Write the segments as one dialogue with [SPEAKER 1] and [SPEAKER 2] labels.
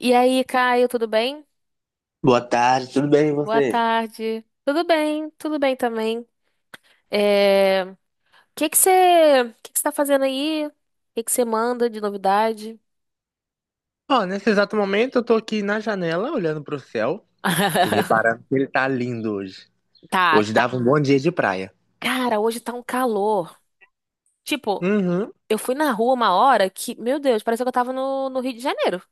[SPEAKER 1] E aí, Caio, tudo bem?
[SPEAKER 2] Boa tarde, tudo bem e
[SPEAKER 1] Boa
[SPEAKER 2] você?
[SPEAKER 1] tarde. Tudo bem também. É... O o que que você tá fazendo aí? O que que você manda de novidade?
[SPEAKER 2] Ó, nesse exato momento eu tô aqui na janela olhando pro céu e reparando que ele tá lindo hoje.
[SPEAKER 1] Tá,
[SPEAKER 2] Hoje
[SPEAKER 1] tá.
[SPEAKER 2] dava um bom dia de praia.
[SPEAKER 1] Cara, hoje tá um calor. Tipo,
[SPEAKER 2] Uhum.
[SPEAKER 1] eu fui na rua uma hora que, meu Deus, parecia que eu tava no Rio de Janeiro.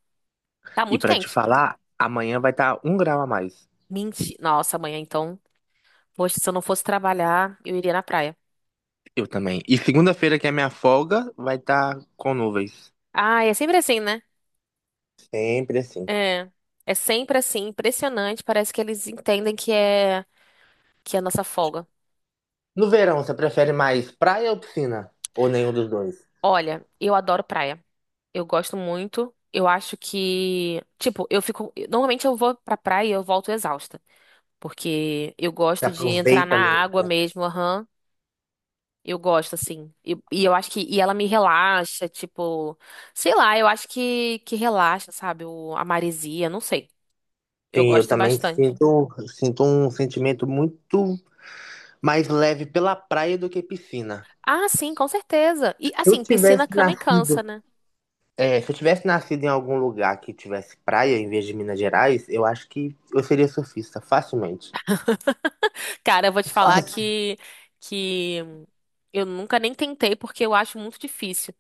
[SPEAKER 1] Tá
[SPEAKER 2] E
[SPEAKER 1] muito
[SPEAKER 2] pra te
[SPEAKER 1] quente.
[SPEAKER 2] falar, amanhã vai estar 1 grau a mais.
[SPEAKER 1] Mentira. Nossa, amanhã então. Poxa, se eu não fosse trabalhar, eu iria na praia.
[SPEAKER 2] Eu também. E segunda-feira, que é minha folga, vai estar com nuvens.
[SPEAKER 1] Ah, é sempre assim, né?
[SPEAKER 2] Sempre assim.
[SPEAKER 1] É. É sempre assim, impressionante. Parece que eles entendem que é a nossa folga.
[SPEAKER 2] No verão, você prefere mais praia ou piscina? Ou nenhum dos dois?
[SPEAKER 1] Olha, eu adoro praia. Eu gosto muito. Eu acho que, tipo, eu fico, normalmente eu vou pra praia e eu volto exausta, porque eu
[SPEAKER 2] Você
[SPEAKER 1] gosto de entrar na
[SPEAKER 2] aproveita mesmo,
[SPEAKER 1] água
[SPEAKER 2] né?
[SPEAKER 1] mesmo, aham. Eu gosto assim. E eu acho que ela me relaxa, tipo, sei lá, eu acho que relaxa, sabe? A maresia, não sei. Eu
[SPEAKER 2] Sim, eu
[SPEAKER 1] gosto
[SPEAKER 2] também
[SPEAKER 1] bastante.
[SPEAKER 2] sinto um sentimento muito mais leve pela praia do que piscina.
[SPEAKER 1] Ah, sim, com certeza. E
[SPEAKER 2] Eu
[SPEAKER 1] assim, piscina
[SPEAKER 2] tivesse
[SPEAKER 1] cama e
[SPEAKER 2] nascido.
[SPEAKER 1] cansa, né?
[SPEAKER 2] É, se eu tivesse nascido em algum lugar que tivesse praia em vez de Minas Gerais, eu acho que eu seria surfista, facilmente.
[SPEAKER 1] Cara, eu vou te falar
[SPEAKER 2] Fácil.
[SPEAKER 1] que eu nunca nem tentei porque eu acho muito difícil.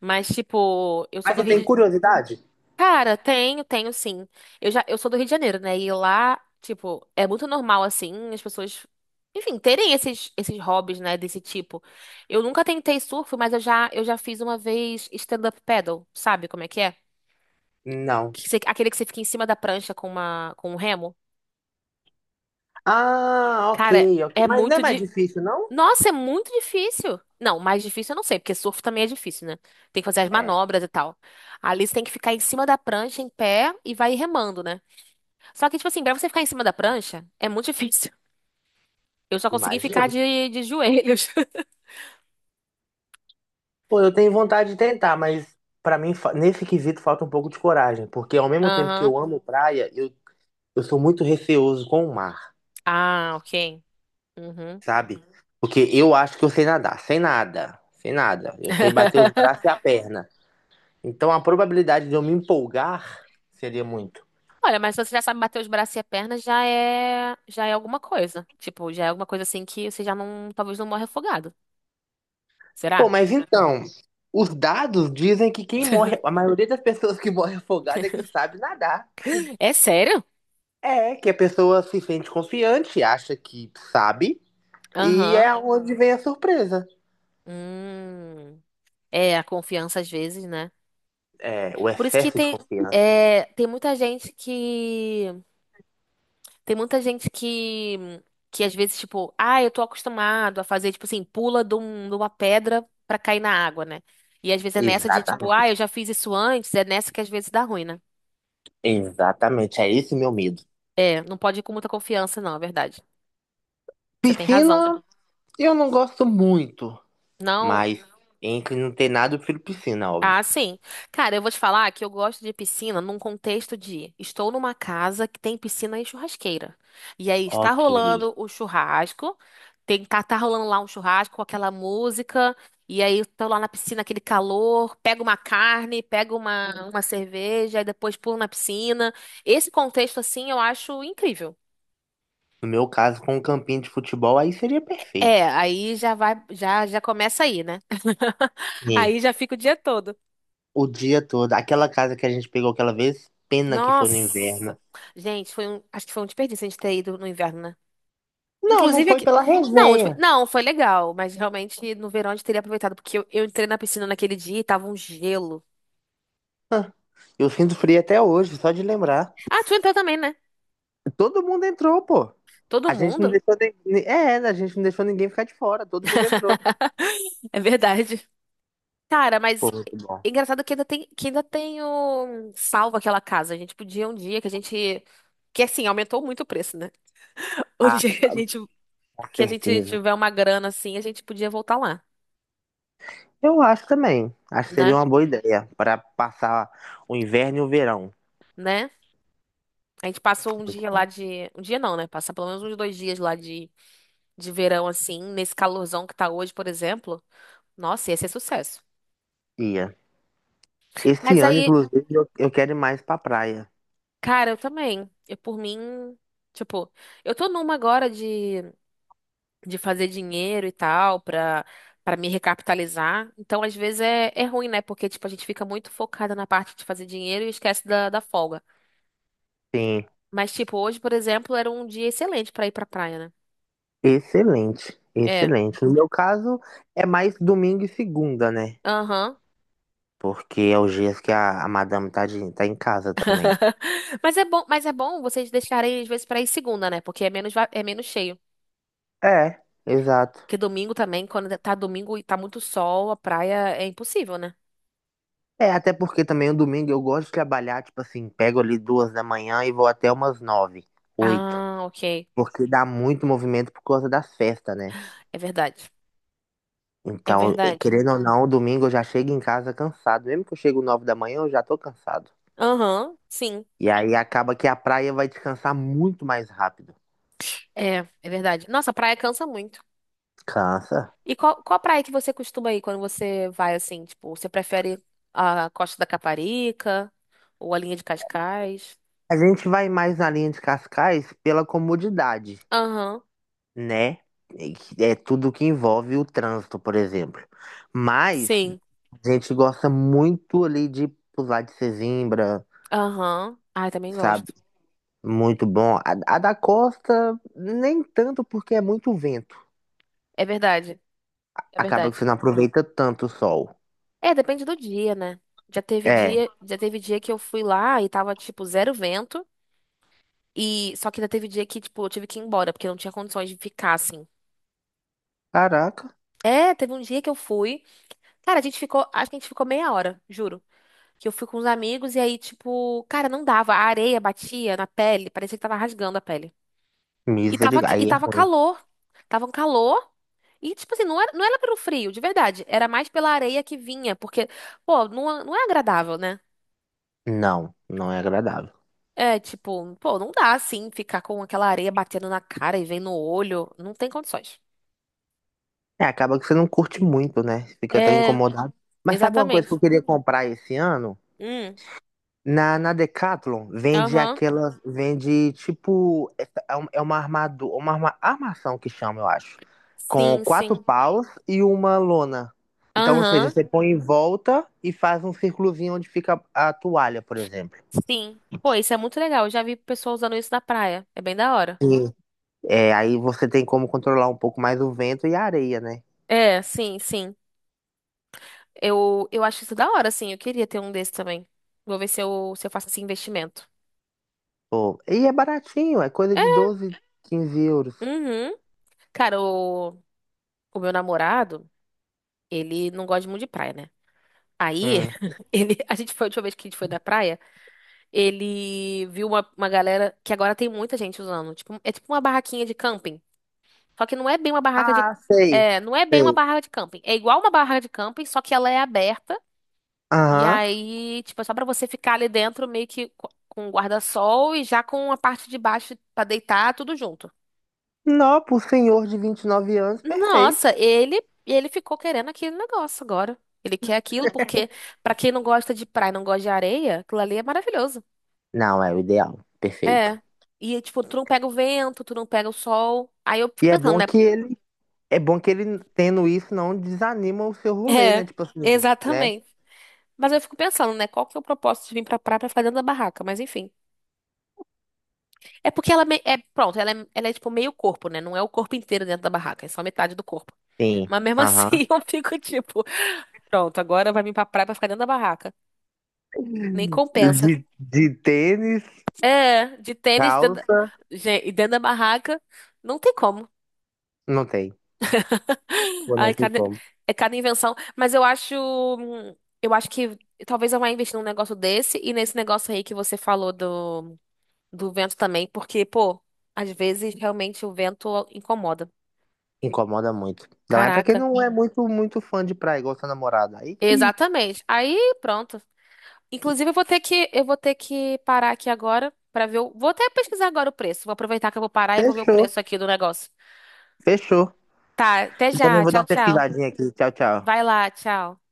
[SPEAKER 1] Mas, tipo, eu sou
[SPEAKER 2] Mas
[SPEAKER 1] do
[SPEAKER 2] você
[SPEAKER 1] Rio
[SPEAKER 2] tem
[SPEAKER 1] de...
[SPEAKER 2] curiosidade?
[SPEAKER 1] Cara, tenho, tenho sim. Eu sou do Rio de Janeiro, né? E lá, tipo, é muito normal, assim, as pessoas, enfim, terem esses hobbies, né, desse tipo. Eu nunca tentei surf, mas eu já fiz uma vez stand-up paddle, sabe como é que é?
[SPEAKER 2] Não.
[SPEAKER 1] Aquele que você fica em cima da prancha com um remo.
[SPEAKER 2] Ah, ok,
[SPEAKER 1] Cara,
[SPEAKER 2] ok. Mas não é mais difícil, não?
[SPEAKER 1] Nossa, é muito difícil. Não, mais difícil eu não sei, porque surf também é difícil, né? Tem que fazer as
[SPEAKER 2] É,
[SPEAKER 1] manobras e tal. Ali você tem que ficar em cima da prancha, em pé, e vai remando, né? Só que, tipo assim, pra você ficar em cima da prancha, é muito difícil. Eu só consegui ficar
[SPEAKER 2] imagino.
[SPEAKER 1] de joelhos.
[SPEAKER 2] Pô, eu tenho vontade de tentar, mas pra mim, nesse quesito, falta um pouco de coragem. Porque ao mesmo tempo que
[SPEAKER 1] Aham.
[SPEAKER 2] eu amo praia, eu sou muito receoso com o mar,
[SPEAKER 1] Ah, ok. Uhum.
[SPEAKER 2] sabe? Porque eu acho que eu sei nadar, sem nada, sem nada. Eu sei bater os braços e a perna. Então a probabilidade de eu me empolgar seria muito.
[SPEAKER 1] Olha, mas se você já sabe bater os braços e a perna, já é alguma coisa. Tipo, já é alguma coisa assim que você já não, talvez não morre afogado.
[SPEAKER 2] Pô,
[SPEAKER 1] Será?
[SPEAKER 2] mas então, os dados dizem que quem morre, a maioria das pessoas que morre afogada é que sabe nadar.
[SPEAKER 1] É sério?
[SPEAKER 2] É, que a pessoa se sente confiante, acha que sabe, e
[SPEAKER 1] Aham.
[SPEAKER 2] é onde vem a surpresa.
[SPEAKER 1] Hum. É, a confiança às vezes, né?
[SPEAKER 2] É, o
[SPEAKER 1] Por isso que
[SPEAKER 2] excesso de
[SPEAKER 1] tem,
[SPEAKER 2] confiança.
[SPEAKER 1] tem muita gente que. Tem muita gente que. Que às vezes, tipo, ah, eu tô acostumado a fazer, tipo assim, pula de uma pedra pra cair na água, né? E às vezes é nessa de, tipo, ah,
[SPEAKER 2] Exatamente.
[SPEAKER 1] eu já fiz isso antes, é nessa que às vezes dá ruim, né?
[SPEAKER 2] Exatamente, é esse meu medo.
[SPEAKER 1] É, não pode ir com muita confiança, não, é verdade. Você tem razão.
[SPEAKER 2] Piscina, eu não gosto muito,
[SPEAKER 1] Não,
[SPEAKER 2] mas entre não ter nada, eu prefiro piscina,
[SPEAKER 1] ah,
[SPEAKER 2] óbvio.
[SPEAKER 1] sim. Cara, eu vou te falar que eu gosto de piscina num contexto de estou numa casa que tem piscina e churrasqueira. E aí está
[SPEAKER 2] Ok.
[SPEAKER 1] rolando o churrasco, tá rolando lá um churrasco com aquela música, e aí eu tô lá na piscina, aquele calor, pego uma carne, pego uma cerveja, e depois pulo na piscina. Esse contexto, assim, eu acho incrível.
[SPEAKER 2] No meu caso, com um campinho de futebol, aí seria
[SPEAKER 1] É,
[SPEAKER 2] perfeito.
[SPEAKER 1] aí já vai, já começa aí, né?
[SPEAKER 2] Sim.
[SPEAKER 1] Aí já fica o dia todo.
[SPEAKER 2] O dia todo. Aquela casa que a gente pegou aquela vez, pena que foi no
[SPEAKER 1] Nossa!
[SPEAKER 2] inverno.
[SPEAKER 1] Gente, acho que foi um desperdício a gente ter ido no inverno, né?
[SPEAKER 2] Não, não
[SPEAKER 1] Inclusive
[SPEAKER 2] foi
[SPEAKER 1] aqui.
[SPEAKER 2] pela
[SPEAKER 1] Não, tipo,
[SPEAKER 2] resenha.
[SPEAKER 1] não, foi legal, mas realmente no verão a gente teria aproveitado, porque eu entrei na piscina naquele dia e tava um gelo.
[SPEAKER 2] Eu sinto frio até hoje, só de lembrar.
[SPEAKER 1] Ah, tu entrou também, né?
[SPEAKER 2] Todo mundo entrou, pô.
[SPEAKER 1] Todo
[SPEAKER 2] A gente não
[SPEAKER 1] mundo?
[SPEAKER 2] deixou ninguém. É, a gente não deixou ninguém ficar de fora, todo mundo entrou.
[SPEAKER 1] É verdade. Cara,
[SPEAKER 2] Pô,
[SPEAKER 1] mas
[SPEAKER 2] muito bom.
[SPEAKER 1] é engraçado que ainda tenho salvo aquela casa. A gente podia um dia que a gente. Que assim, aumentou muito o preço, né? Um dia que a gente,
[SPEAKER 2] Com
[SPEAKER 1] que a gente
[SPEAKER 2] certeza.
[SPEAKER 1] tiver uma grana assim, a gente podia voltar lá,
[SPEAKER 2] Eu acho também. Acho que
[SPEAKER 1] né?
[SPEAKER 2] seria uma boa ideia para passar o inverno e o verão.
[SPEAKER 1] Né? A gente passou um
[SPEAKER 2] Muito
[SPEAKER 1] dia lá
[SPEAKER 2] bom.
[SPEAKER 1] de. Um dia não, né? Passar pelo menos uns dois dias lá de verão, assim, nesse calorzão que tá hoje, por exemplo. Nossa, ia ser sucesso.
[SPEAKER 2] Ia. Esse
[SPEAKER 1] Mas
[SPEAKER 2] ano,
[SPEAKER 1] aí,
[SPEAKER 2] inclusive, eu quero ir mais pra praia.
[SPEAKER 1] cara, eu também. Eu, por mim, tipo, eu tô numa agora de fazer dinheiro e tal, pra me recapitalizar. Então, às vezes é ruim, né? Porque, tipo, a gente fica muito focada na parte de fazer dinheiro e esquece da folga.
[SPEAKER 2] Sim.
[SPEAKER 1] Mas, tipo, hoje, por exemplo, era um dia excelente pra ir pra praia, né?
[SPEAKER 2] Excelente,
[SPEAKER 1] É.
[SPEAKER 2] excelente. No meu caso, é mais domingo e segunda, né?
[SPEAKER 1] Aham.
[SPEAKER 2] Porque é os dias que a madame tá, tá em casa também.
[SPEAKER 1] Mas é bom vocês deixarem às vezes pra ir segunda, né? Porque é menos cheio.
[SPEAKER 2] É, exato.
[SPEAKER 1] Porque domingo também, quando tá domingo e tá muito sol, a praia é impossível, né?
[SPEAKER 2] É, até porque também o domingo eu gosto de trabalhar, tipo assim, pego ali 2 da manhã e vou até umas 9, 8.
[SPEAKER 1] Ah, ok.
[SPEAKER 2] Porque dá muito movimento por causa das festas, né?
[SPEAKER 1] É verdade. É
[SPEAKER 2] Então,
[SPEAKER 1] verdade.
[SPEAKER 2] querendo ou não, domingo eu já chego em casa cansado. Mesmo que eu chego 9 da manhã, eu já tô cansado.
[SPEAKER 1] Aham, sim.
[SPEAKER 2] E aí acaba que a praia vai descansar muito mais rápido.
[SPEAKER 1] É, é verdade. Nossa, a praia cansa muito.
[SPEAKER 2] Cansa.
[SPEAKER 1] E qual praia que você costuma ir quando você vai assim? Tipo, você prefere a Costa da Caparica ou a linha de Cascais?
[SPEAKER 2] A gente vai mais na linha de Cascais pela comodidade,
[SPEAKER 1] Aham,
[SPEAKER 2] né? E que é tudo que envolve o trânsito, por exemplo. Mas
[SPEAKER 1] sim.
[SPEAKER 2] a gente gosta muito ali de pular de Sesimbra,
[SPEAKER 1] Aham. Ai, também
[SPEAKER 2] sabe?
[SPEAKER 1] gosto.
[SPEAKER 2] Muito bom. A da costa, nem tanto porque é muito vento.
[SPEAKER 1] É verdade. É
[SPEAKER 2] Acaba que você
[SPEAKER 1] verdade.
[SPEAKER 2] não aproveita tanto o sol.
[SPEAKER 1] É, depende do dia, né? Já teve
[SPEAKER 2] É.
[SPEAKER 1] dia, já teve dia que eu fui lá e tava, tipo, zero vento. E só que já teve dia que, tipo, eu tive que ir embora, porque não tinha condições de ficar assim.
[SPEAKER 2] Caraca,
[SPEAKER 1] É, teve um dia que eu fui. Cara, a gente ficou, acho que a gente ficou meia hora, juro. Que eu fui com os amigos e aí, tipo, cara, não dava. A areia batia na pele, parecia que tava rasgando a pele. E tava,
[SPEAKER 2] misericórdia.
[SPEAKER 1] e
[SPEAKER 2] Aí é
[SPEAKER 1] tava
[SPEAKER 2] ruim.
[SPEAKER 1] calor. Tava um calor. E, tipo assim, não era pelo frio, de verdade. Era mais pela areia que vinha, porque, pô, não, não é agradável, né?
[SPEAKER 2] Não, não é agradável.
[SPEAKER 1] É, tipo, pô, não dá assim ficar com aquela areia batendo na cara e vem no olho. Não tem condições.
[SPEAKER 2] É, acaba que você não curte muito, né? Fica tão
[SPEAKER 1] É,
[SPEAKER 2] incomodado. Mas sabe uma coisa que eu
[SPEAKER 1] exatamente.
[SPEAKER 2] queria comprar esse ano?
[SPEAKER 1] Hum,
[SPEAKER 2] Na Decathlon vende
[SPEAKER 1] aham.
[SPEAKER 2] aquela, vende tipo, é uma armação que chama, eu acho, com
[SPEAKER 1] Sim,
[SPEAKER 2] quatro
[SPEAKER 1] sim.
[SPEAKER 2] paus e uma lona. Então, ou seja,
[SPEAKER 1] Aham,
[SPEAKER 2] você põe em volta e faz um círculozinho onde fica a toalha, por exemplo.
[SPEAKER 1] sim. Pô, isso é muito legal. Eu já vi pessoa usando isso na praia. É bem da hora.
[SPEAKER 2] Sim. É, aí você tem como controlar um pouco mais o vento e a areia, né?
[SPEAKER 1] É, sim, sim. Eu acho isso da hora, sim. Eu queria ter um desse também. Vou ver se eu faço esse investimento.
[SPEAKER 2] Pô, e é baratinho, é coisa
[SPEAKER 1] É,
[SPEAKER 2] de 12 a 15 euros.
[SPEAKER 1] uhum. Cara, o meu namorado, ele não gosta muito de praia, né? Aí,
[SPEAKER 2] Hum.
[SPEAKER 1] a gente foi, a última vez que a gente foi na praia. Ele viu uma galera que agora tem muita gente usando. Tipo, é tipo uma barraquinha de camping. Só que não é bem uma barraca de.
[SPEAKER 2] Ah, sei,
[SPEAKER 1] É, não é bem uma
[SPEAKER 2] sei.
[SPEAKER 1] barraca de camping. É igual uma barraca de camping, só que ela é aberta. E
[SPEAKER 2] Aham.
[SPEAKER 1] aí, tipo, é só pra você ficar ali dentro meio que com o guarda-sol e já com a parte de baixo pra deitar, tudo junto.
[SPEAKER 2] Não, pro senhor de 29 anos, perfeito.
[SPEAKER 1] Nossa, ele ficou querendo aquele negócio agora. Ele quer aquilo porque pra quem não gosta de praia, não gosta de areia, aquilo ali é maravilhoso.
[SPEAKER 2] Não, é o ideal. Perfeito.
[SPEAKER 1] É. E, tipo, tu não pega o vento, tu não pega o sol. Aí eu fico
[SPEAKER 2] E é
[SPEAKER 1] pensando,
[SPEAKER 2] bom
[SPEAKER 1] né?
[SPEAKER 2] que ele, é bom que ele tendo isso não desanima o seu rolê, né?
[SPEAKER 1] É,
[SPEAKER 2] Tipo assim, né?
[SPEAKER 1] exatamente. Mas eu fico pensando, né? Qual que é o propósito de vir pra praia pra ficar dentro da barraca? Mas enfim. É porque é, pronto, ela é tipo meio corpo, né? Não é o corpo inteiro dentro da barraca, é só metade do corpo.
[SPEAKER 2] Sim.
[SPEAKER 1] Mas mesmo
[SPEAKER 2] Aham.
[SPEAKER 1] assim eu fico tipo, pronto, agora vai vir pra praia pra ficar dentro da barraca. Nem compensa.
[SPEAKER 2] De tênis,
[SPEAKER 1] É, de tênis dentro da...
[SPEAKER 2] calça,
[SPEAKER 1] Gente, e dentro da barraca, não tem como.
[SPEAKER 2] não tem. Pô,
[SPEAKER 1] Ai,
[SPEAKER 2] não tem como.
[SPEAKER 1] cada invenção. Mas eu acho que talvez eu vá investir num negócio desse e nesse negócio aí que você falou do vento também, porque, pô, às vezes realmente o vento incomoda.
[SPEAKER 2] Incomoda muito. Não é pra quem
[SPEAKER 1] Caraca.
[SPEAKER 2] não é muito, muito fã de praia, igual sua namorada. Aí que
[SPEAKER 1] Exatamente. Aí, pronto. Inclusive, eu vou ter que parar aqui agora pra vou até pesquisar agora o preço. Vou aproveitar que eu vou parar e vou ver o
[SPEAKER 2] fechou,
[SPEAKER 1] preço aqui do negócio.
[SPEAKER 2] fechou.
[SPEAKER 1] Tá, até
[SPEAKER 2] Eu também
[SPEAKER 1] já.
[SPEAKER 2] vou dar
[SPEAKER 1] Tchau,
[SPEAKER 2] uma
[SPEAKER 1] tchau.
[SPEAKER 2] pesquisadinha aqui. Tchau, tchau.
[SPEAKER 1] Vai lá, tchau.